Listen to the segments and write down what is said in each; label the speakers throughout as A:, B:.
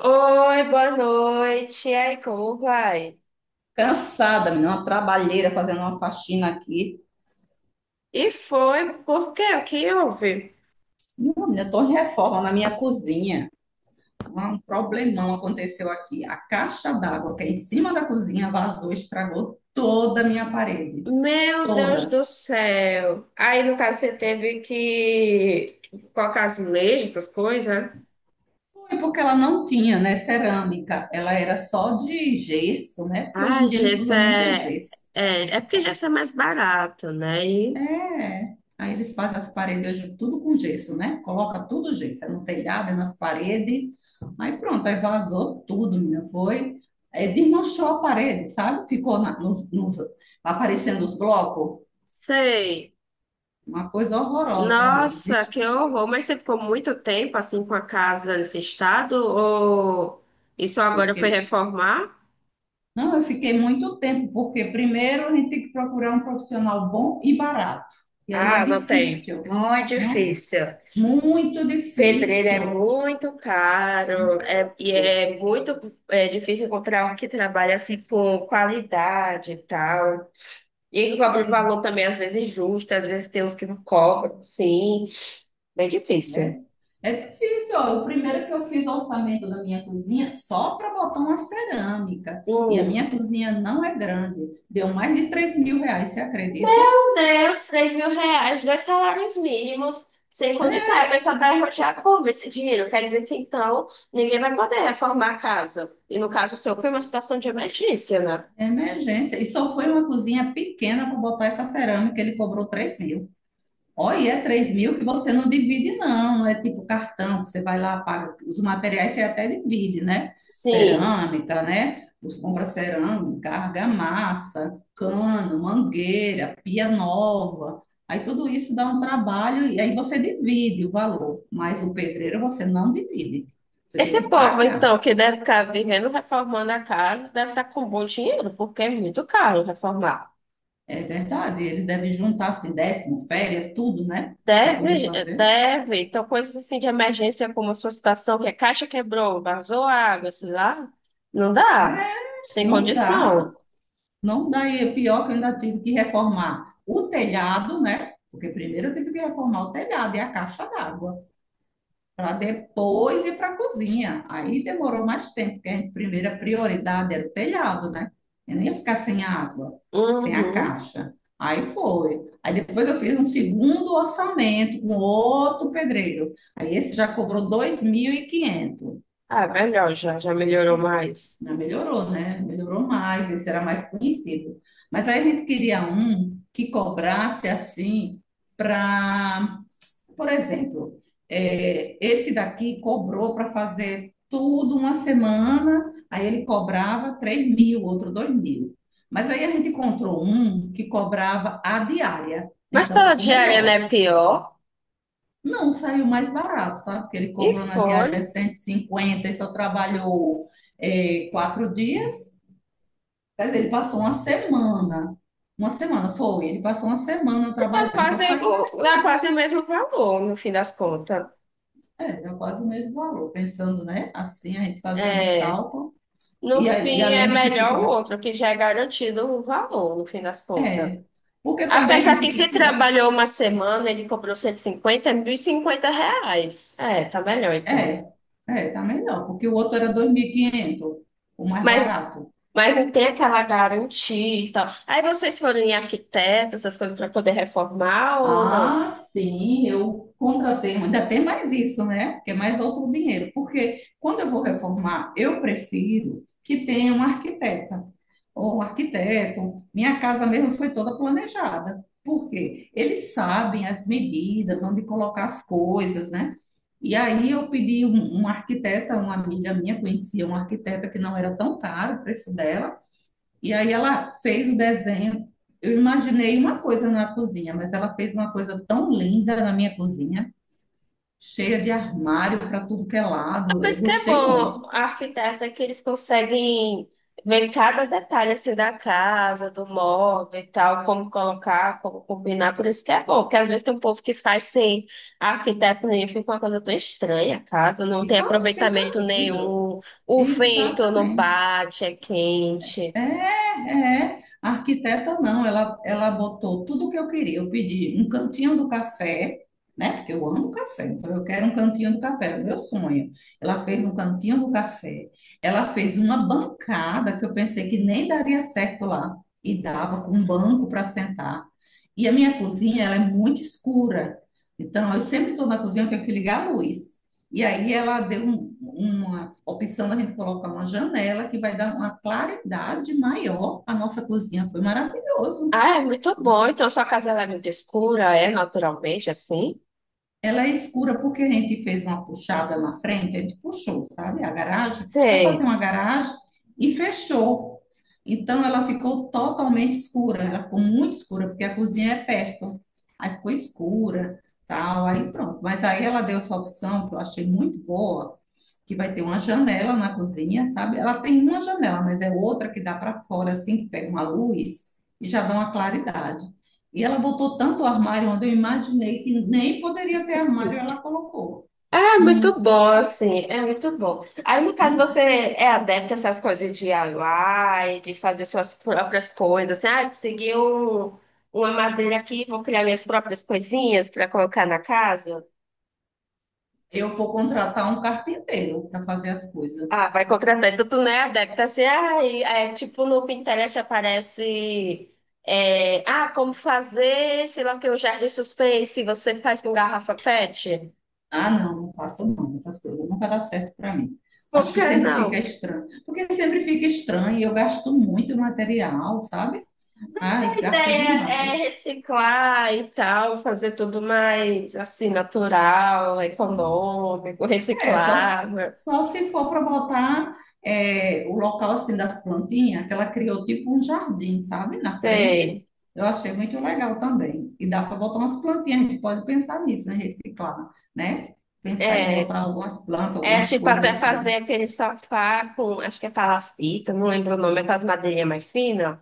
A: Oi, boa noite. E aí, como vai?
B: Cansada, menina, uma trabalheira fazendo uma faxina aqui.
A: E foi, por quê? O que houve?
B: Não, menina, eu tô em reforma na minha cozinha. Um problemão aconteceu aqui. A caixa d'água que é em cima da cozinha vazou, estragou toda a minha parede.
A: Meu Deus
B: Toda.
A: do céu. Aí, no caso, você teve que colocar as leis, essas coisas?
B: Foi porque ela não tinha, né, cerâmica. Ela era só de gesso, né? Porque hoje
A: Ah,
B: em dia eles
A: gesso
B: usam muito
A: é,
B: gesso.
A: é porque gesso é mais barato, né? E
B: É. Aí eles fazem as paredes hoje tudo com gesso, né? Coloca tudo gesso, é no telhado, é nas paredes. Aí pronto, aí vazou tudo, menina. Foi. É, desmanchou a parede, sabe? Ficou aparecendo os blocos.
A: sei.
B: Uma coisa horrorosa mesmo.
A: Nossa,
B: Vixe.
A: que horror. Mas você ficou muito tempo, assim, com a casa nesse estado? Ou isso
B: Eu
A: agora foi
B: fiquei,
A: reformar?
B: não, eu fiquei muito tempo, porque primeiro a gente tem que procurar um profissional bom e barato. E aí é
A: Ah, não tem.
B: difícil,
A: Muito
B: não?
A: difícil.
B: Muito
A: Pedreiro é
B: difícil.
A: muito caro, é, e é muito difícil encontrar um que trabalha assim com qualidade e tal. E que cobra um
B: Ai,
A: valor também, às vezes, justo, às vezes tem uns que não cobram, sim. Bem difícil.
B: né? É difícil, ó. O primeiro que eu fiz o orçamento da minha cozinha só para botar uma cerâmica. E a minha
A: Hum.
B: cozinha não é grande. Deu mais de R$ 3.000, você acredita?
A: Meu Deus, 3.000 reais, dois salários mínimos, sem condição. A
B: É
A: pessoa vai rotear como esse dinheiro? Quer dizer que então ninguém vai poder reformar a casa. E no caso seu, foi uma situação de emergência, né?
B: é emergência. E só foi uma cozinha pequena para botar essa cerâmica, ele cobrou 3 mil. Olha, é 3 mil que você não divide, não. Não é tipo cartão que você vai lá, paga. Os materiais você até divide, né?
A: Sim.
B: Cerâmica, né? Você compra cerâmica, argamassa, cano, mangueira, pia nova. Aí tudo isso dá um trabalho e aí você divide o valor. Mas o pedreiro você não divide. Você tem
A: Esse
B: que
A: povo,
B: pagar.
A: então, que deve estar vivendo reformando a casa, deve estar com bom dinheiro, porque é muito caro reformar.
B: É verdade. Eles devem juntar assim, décimo, férias, tudo, né? Para poder
A: Deve,
B: fazer.
A: deve. Então, coisas assim de emergência, como a sua situação, que a caixa quebrou, vazou água, sei lá, não
B: É,
A: dá. Sem
B: não dá.
A: condição.
B: Não, daí é pior que eu ainda tive que reformar o telhado, né? Porque primeiro eu tive que reformar o telhado e a caixa d'água, para depois ir para a cozinha. Aí demorou mais tempo, porque a primeira prioridade era o telhado, né? Eu não ia ficar sem a água, sem a
A: Uhum.
B: caixa. Aí foi. Aí depois eu fiz um segundo orçamento com outro pedreiro. Aí esse já cobrou 2.500.
A: Ah, melhor já, já melhorou mais.
B: Ah, melhorou, né? Melhorou mais, esse era mais conhecido. Mas aí a gente queria um que cobrasse assim para, por exemplo, esse daqui cobrou para fazer tudo uma semana, aí ele cobrava 3 mil, outro 2 mil. Mas aí a gente encontrou um que cobrava a diária,
A: Mas
B: então
A: pela
B: ficou
A: diária, não
B: melhor.
A: é pior.
B: Não, saiu mais barato, sabe? Porque ele
A: E
B: cobrou na
A: foi.
B: diária 150 e cinquenta e só trabalhou 4 dias. Mas ele passou uma semana. Uma semana, foi. Ele passou uma semana
A: Mas
B: trabalhando. Então saiu mais em
A: dá
B: conta.
A: quase o mesmo valor, no fim das contas.
B: É, deu quase o mesmo valor. Pensando, né? Assim, a gente fazendo os
A: É.
B: cálculos.
A: No
B: E,
A: fim, é
B: além de que tem que
A: melhor o
B: dar.
A: outro, que já é garantido o valor, no fim das contas.
B: É. Porque também a
A: Apesar
B: gente
A: que se
B: tem que dar.
A: trabalhou uma semana, ele cobrou 150, é 1.050 reais. É, tá melhor então.
B: É. É, tá melhor. Porque o outro era 2.500, o mais
A: Mas,
B: barato.
A: mas não tem aquela garantia e tal. Aí vocês foram em arquiteto, essas coisas, para poder reformar ou não?
B: Ah, sim, eu contratei, ainda tem mais isso, né? Porque é mais outro dinheiro. Porque quando eu vou reformar, eu prefiro que tenha uma arquiteta ou um arquiteto. Minha casa mesmo foi toda planejada. Por quê? Eles sabem as medidas, onde colocar as coisas, né? E aí eu pedi um arquiteta, uma amiga minha conhecia um arquiteta que não era tão caro o preço dela. E aí ela fez o desenho. Eu imaginei uma coisa na cozinha, mas ela fez uma coisa tão linda na minha cozinha, cheia de armário para tudo que é lado. Eu
A: Mas que é
B: gostei
A: bom,
B: muito.
A: a arquiteta que eles conseguem ver cada detalhe assim da casa, do móvel e tal, como colocar, como combinar, por isso que é bom, porque às vezes tem um povo que faz sem arquiteto nenhum, fica uma coisa tão estranha a casa, não tem
B: Fica, fica
A: aproveitamento
B: horrível.
A: nenhum, o vento não
B: Exatamente.
A: bate, é quente.
B: É, é. A arquiteta não, ela botou tudo o que eu queria. Eu pedi um cantinho do café, né? Porque eu amo café, então eu quero um cantinho do café, é o meu sonho. Ela fez um cantinho do café. Ela fez uma bancada que eu pensei que nem daria certo lá. E dava com um banco para sentar. E a minha cozinha, ela é muito escura. Então, eu sempre estou na cozinha, eu tenho que ligar a luz. E aí ela deu uma opção da gente colocar uma janela que vai dar uma claridade maior à nossa cozinha. Foi maravilhoso.
A: Ah, é muito bom, então sua casa ela é muito escura, é naturalmente assim?
B: Ela é escura porque a gente fez uma puxada na frente, a gente puxou, sabe, a garagem, para fazer
A: Sei.
B: uma garagem e fechou. Então ela ficou totalmente escura, ela ficou muito escura porque a cozinha é perto. Aí ficou escura, tal, aí pronto. Mas aí ela deu essa opção que eu achei muito boa que vai ter uma janela na cozinha, sabe? Ela tem uma janela, mas é outra que dá para fora, assim, que pega uma luz e já dá uma claridade. E ela botou tanto armário onde eu imaginei que nem poderia ter armário, ela colocou.
A: É
B: Hum,
A: muito bom, assim, é muito bom. Aí, no caso,
B: não é.
A: você é adepto a essas coisas de DIY, de fazer suas próprias coisas, assim, ah, uma madeira aqui, vou criar minhas próprias coisinhas para colocar na casa.
B: Eu vou contratar um carpinteiro para fazer as coisas.
A: Ah, vai contratar. Então, tu não é adepto, assim, ah, e, tipo, no Pinterest aparece, ah, como fazer, sei lá o que, o jardim suspense, você faz com garrafa PET?
B: Ah, não, não faço não, essas coisas não vai dar certo para mim.
A: Por
B: Acho que
A: que
B: sempre fica
A: não?
B: estranho, porque sempre fica estranho e eu gasto muito material, sabe?
A: Mas
B: Ai,
A: a
B: gasta
A: ideia
B: demais.
A: é reciclar e tal, fazer tudo mais assim, natural, econômico,
B: É, só,
A: reciclável.
B: só se for para botar o local assim das plantinhas, que ela criou tipo um jardim, sabe? Na frente.
A: Sei.
B: Eu achei muito legal também. E dá para botar umas plantinhas, a gente pode pensar nisso, né? Reciclar, né? Pensar em
A: É,
B: botar algumas plantas,
A: é
B: algumas
A: tipo
B: coisas
A: até
B: assim.
A: fazer aquele sofá com, acho que é palafita, não lembro o nome, é com as madeirinhas mais finas.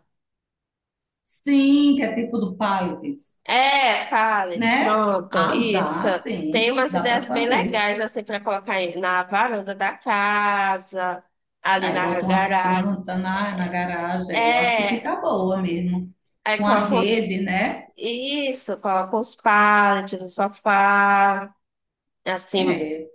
B: Sim, que é tipo do pallets,
A: É, pallet,
B: né?
A: pronto,
B: Ah,
A: isso.
B: dá,
A: Tem
B: sim.
A: umas
B: Dá para
A: ideias bem
B: fazer.
A: legais assim para colocar aí na varanda da casa, ali
B: Aí
A: na
B: botam umas
A: garagem.
B: plantas na, na garagem. Eu acho que
A: É,
B: fica boa mesmo.
A: aí
B: Com a
A: coloca os.
B: rede, né?
A: Isso, coloca os pallets no sofá, assim.
B: É.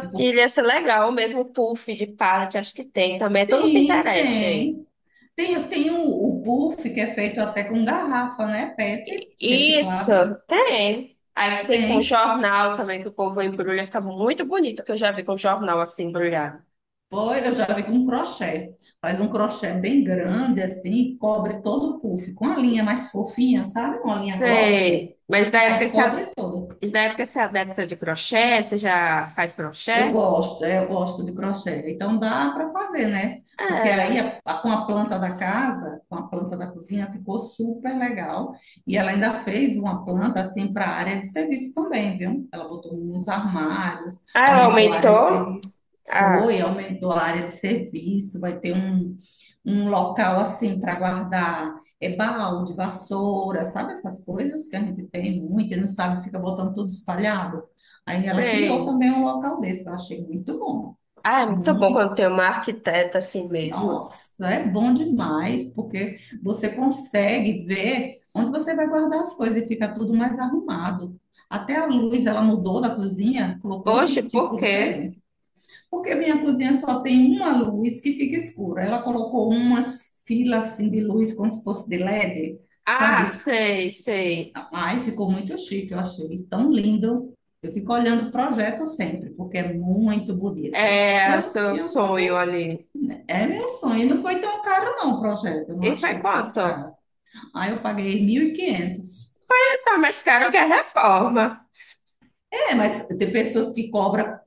B: Eu vou...
A: iria ser legal, mesmo puff de pallet, acho que tem também. É tudo
B: Sim,
A: Pinterest aí.
B: tem. Tem o buff que é feito até com garrafa, né? PET
A: Isso,
B: reciclável.
A: tem. Aí tem com
B: Tem.
A: jornal também, que o povo embrulha, fica muito bonito, que eu já vi com jornal assim embrulhado.
B: Foi, eu já vi com um crochê. Faz um crochê bem grande, assim, cobre todo o puff, com a linha mais fofinha, sabe? Uma linha grossa.
A: Sei,
B: Aí cobre todo.
A: mas na época você é adepta de crochê, você já faz
B: Eu
A: crochê?
B: gosto, é, eu gosto de crochê. Então dá para fazer, né? Porque aí
A: Ah,
B: com a planta da casa, com a planta da cozinha, ficou super legal. E ela ainda fez uma planta assim para a área de serviço também, viu? Ela botou uns armários,
A: ah, ela
B: aumentou a área de
A: aumentou?
B: serviço.
A: Ah,
B: Foi, aumentou a área de serviço. Vai ter um local assim para guardar balde, vassoura, sabe essas coisas que a gente tem muito e não sabe, fica botando tudo espalhado. Aí ela criou
A: sei.
B: também um local desse, eu achei muito bom.
A: Ah, é muito bom
B: Muito.
A: quando tem uma arquiteta assim mesmo.
B: Nossa, é bom demais, porque você consegue ver onde você vai guardar as coisas e fica tudo mais arrumado. Até a luz, ela mudou da cozinha, colocou
A: Poxa,
B: outros
A: por
B: tipos
A: quê?
B: diferentes. Porque minha cozinha só tem uma luz que fica escura. Ela colocou umas filas assim de luz, como se fosse de LED,
A: Ah,
B: sabe?
A: sei, sei.
B: Ai, ficou muito chique, eu achei tão lindo. Eu fico olhando o projeto sempre, porque é muito bonito.
A: É
B: Eu,
A: seu
B: eu
A: sonho
B: fiquei,
A: ali.
B: é meu sonho. E não foi tão caro, não, o projeto. Eu não
A: E foi
B: achei que fosse
A: quanto?
B: caro. Aí eu paguei 1.500.
A: É, tá mais caro que a reforma.
B: É, mas tem pessoas que cobram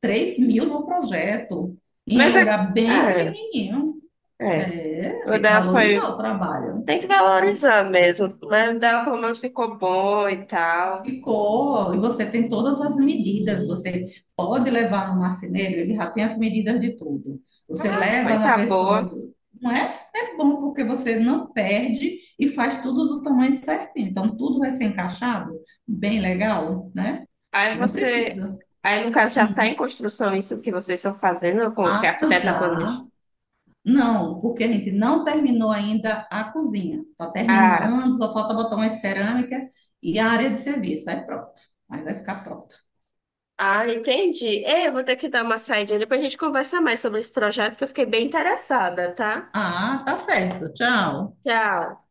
B: 3 mil no projeto, em um
A: Mas é.
B: lugar bem
A: É,
B: pequenininho.
A: é.
B: É,
A: O
B: tem que
A: dela
B: valorizar
A: foi.
B: o trabalho, né?
A: Tem que valorizar mesmo. Mas o dela pelo menos ficou bom e tal.
B: Ficou, e você tem todas as medidas. Você pode levar no marceneiro, ele já tem as medidas de tudo. Você
A: Ah,
B: leva na
A: coisa
B: pessoa,
A: boa.
B: não é? É bom porque você não perde e faz tudo do tamanho certinho. Então, tudo vai ser encaixado, bem legal, né? Você
A: Aí
B: não
A: você.
B: precisa.
A: Aí, no caso, já está em construção isso que vocês estão fazendo, com que a
B: Ah,
A: arquiteta planeja.
B: já. Não, porque a gente não terminou ainda a cozinha. Está
A: Ah,
B: terminando, só falta botar umas cerâmica e a área de serviço. Aí pronto. Aí vai ficar pronto.
A: ah, entendi. É, eu vou ter que dar uma saída. Depois a gente conversa mais sobre esse projeto que eu fiquei bem interessada, tá?
B: Ah, tá certo. Tchau.
A: Tchau.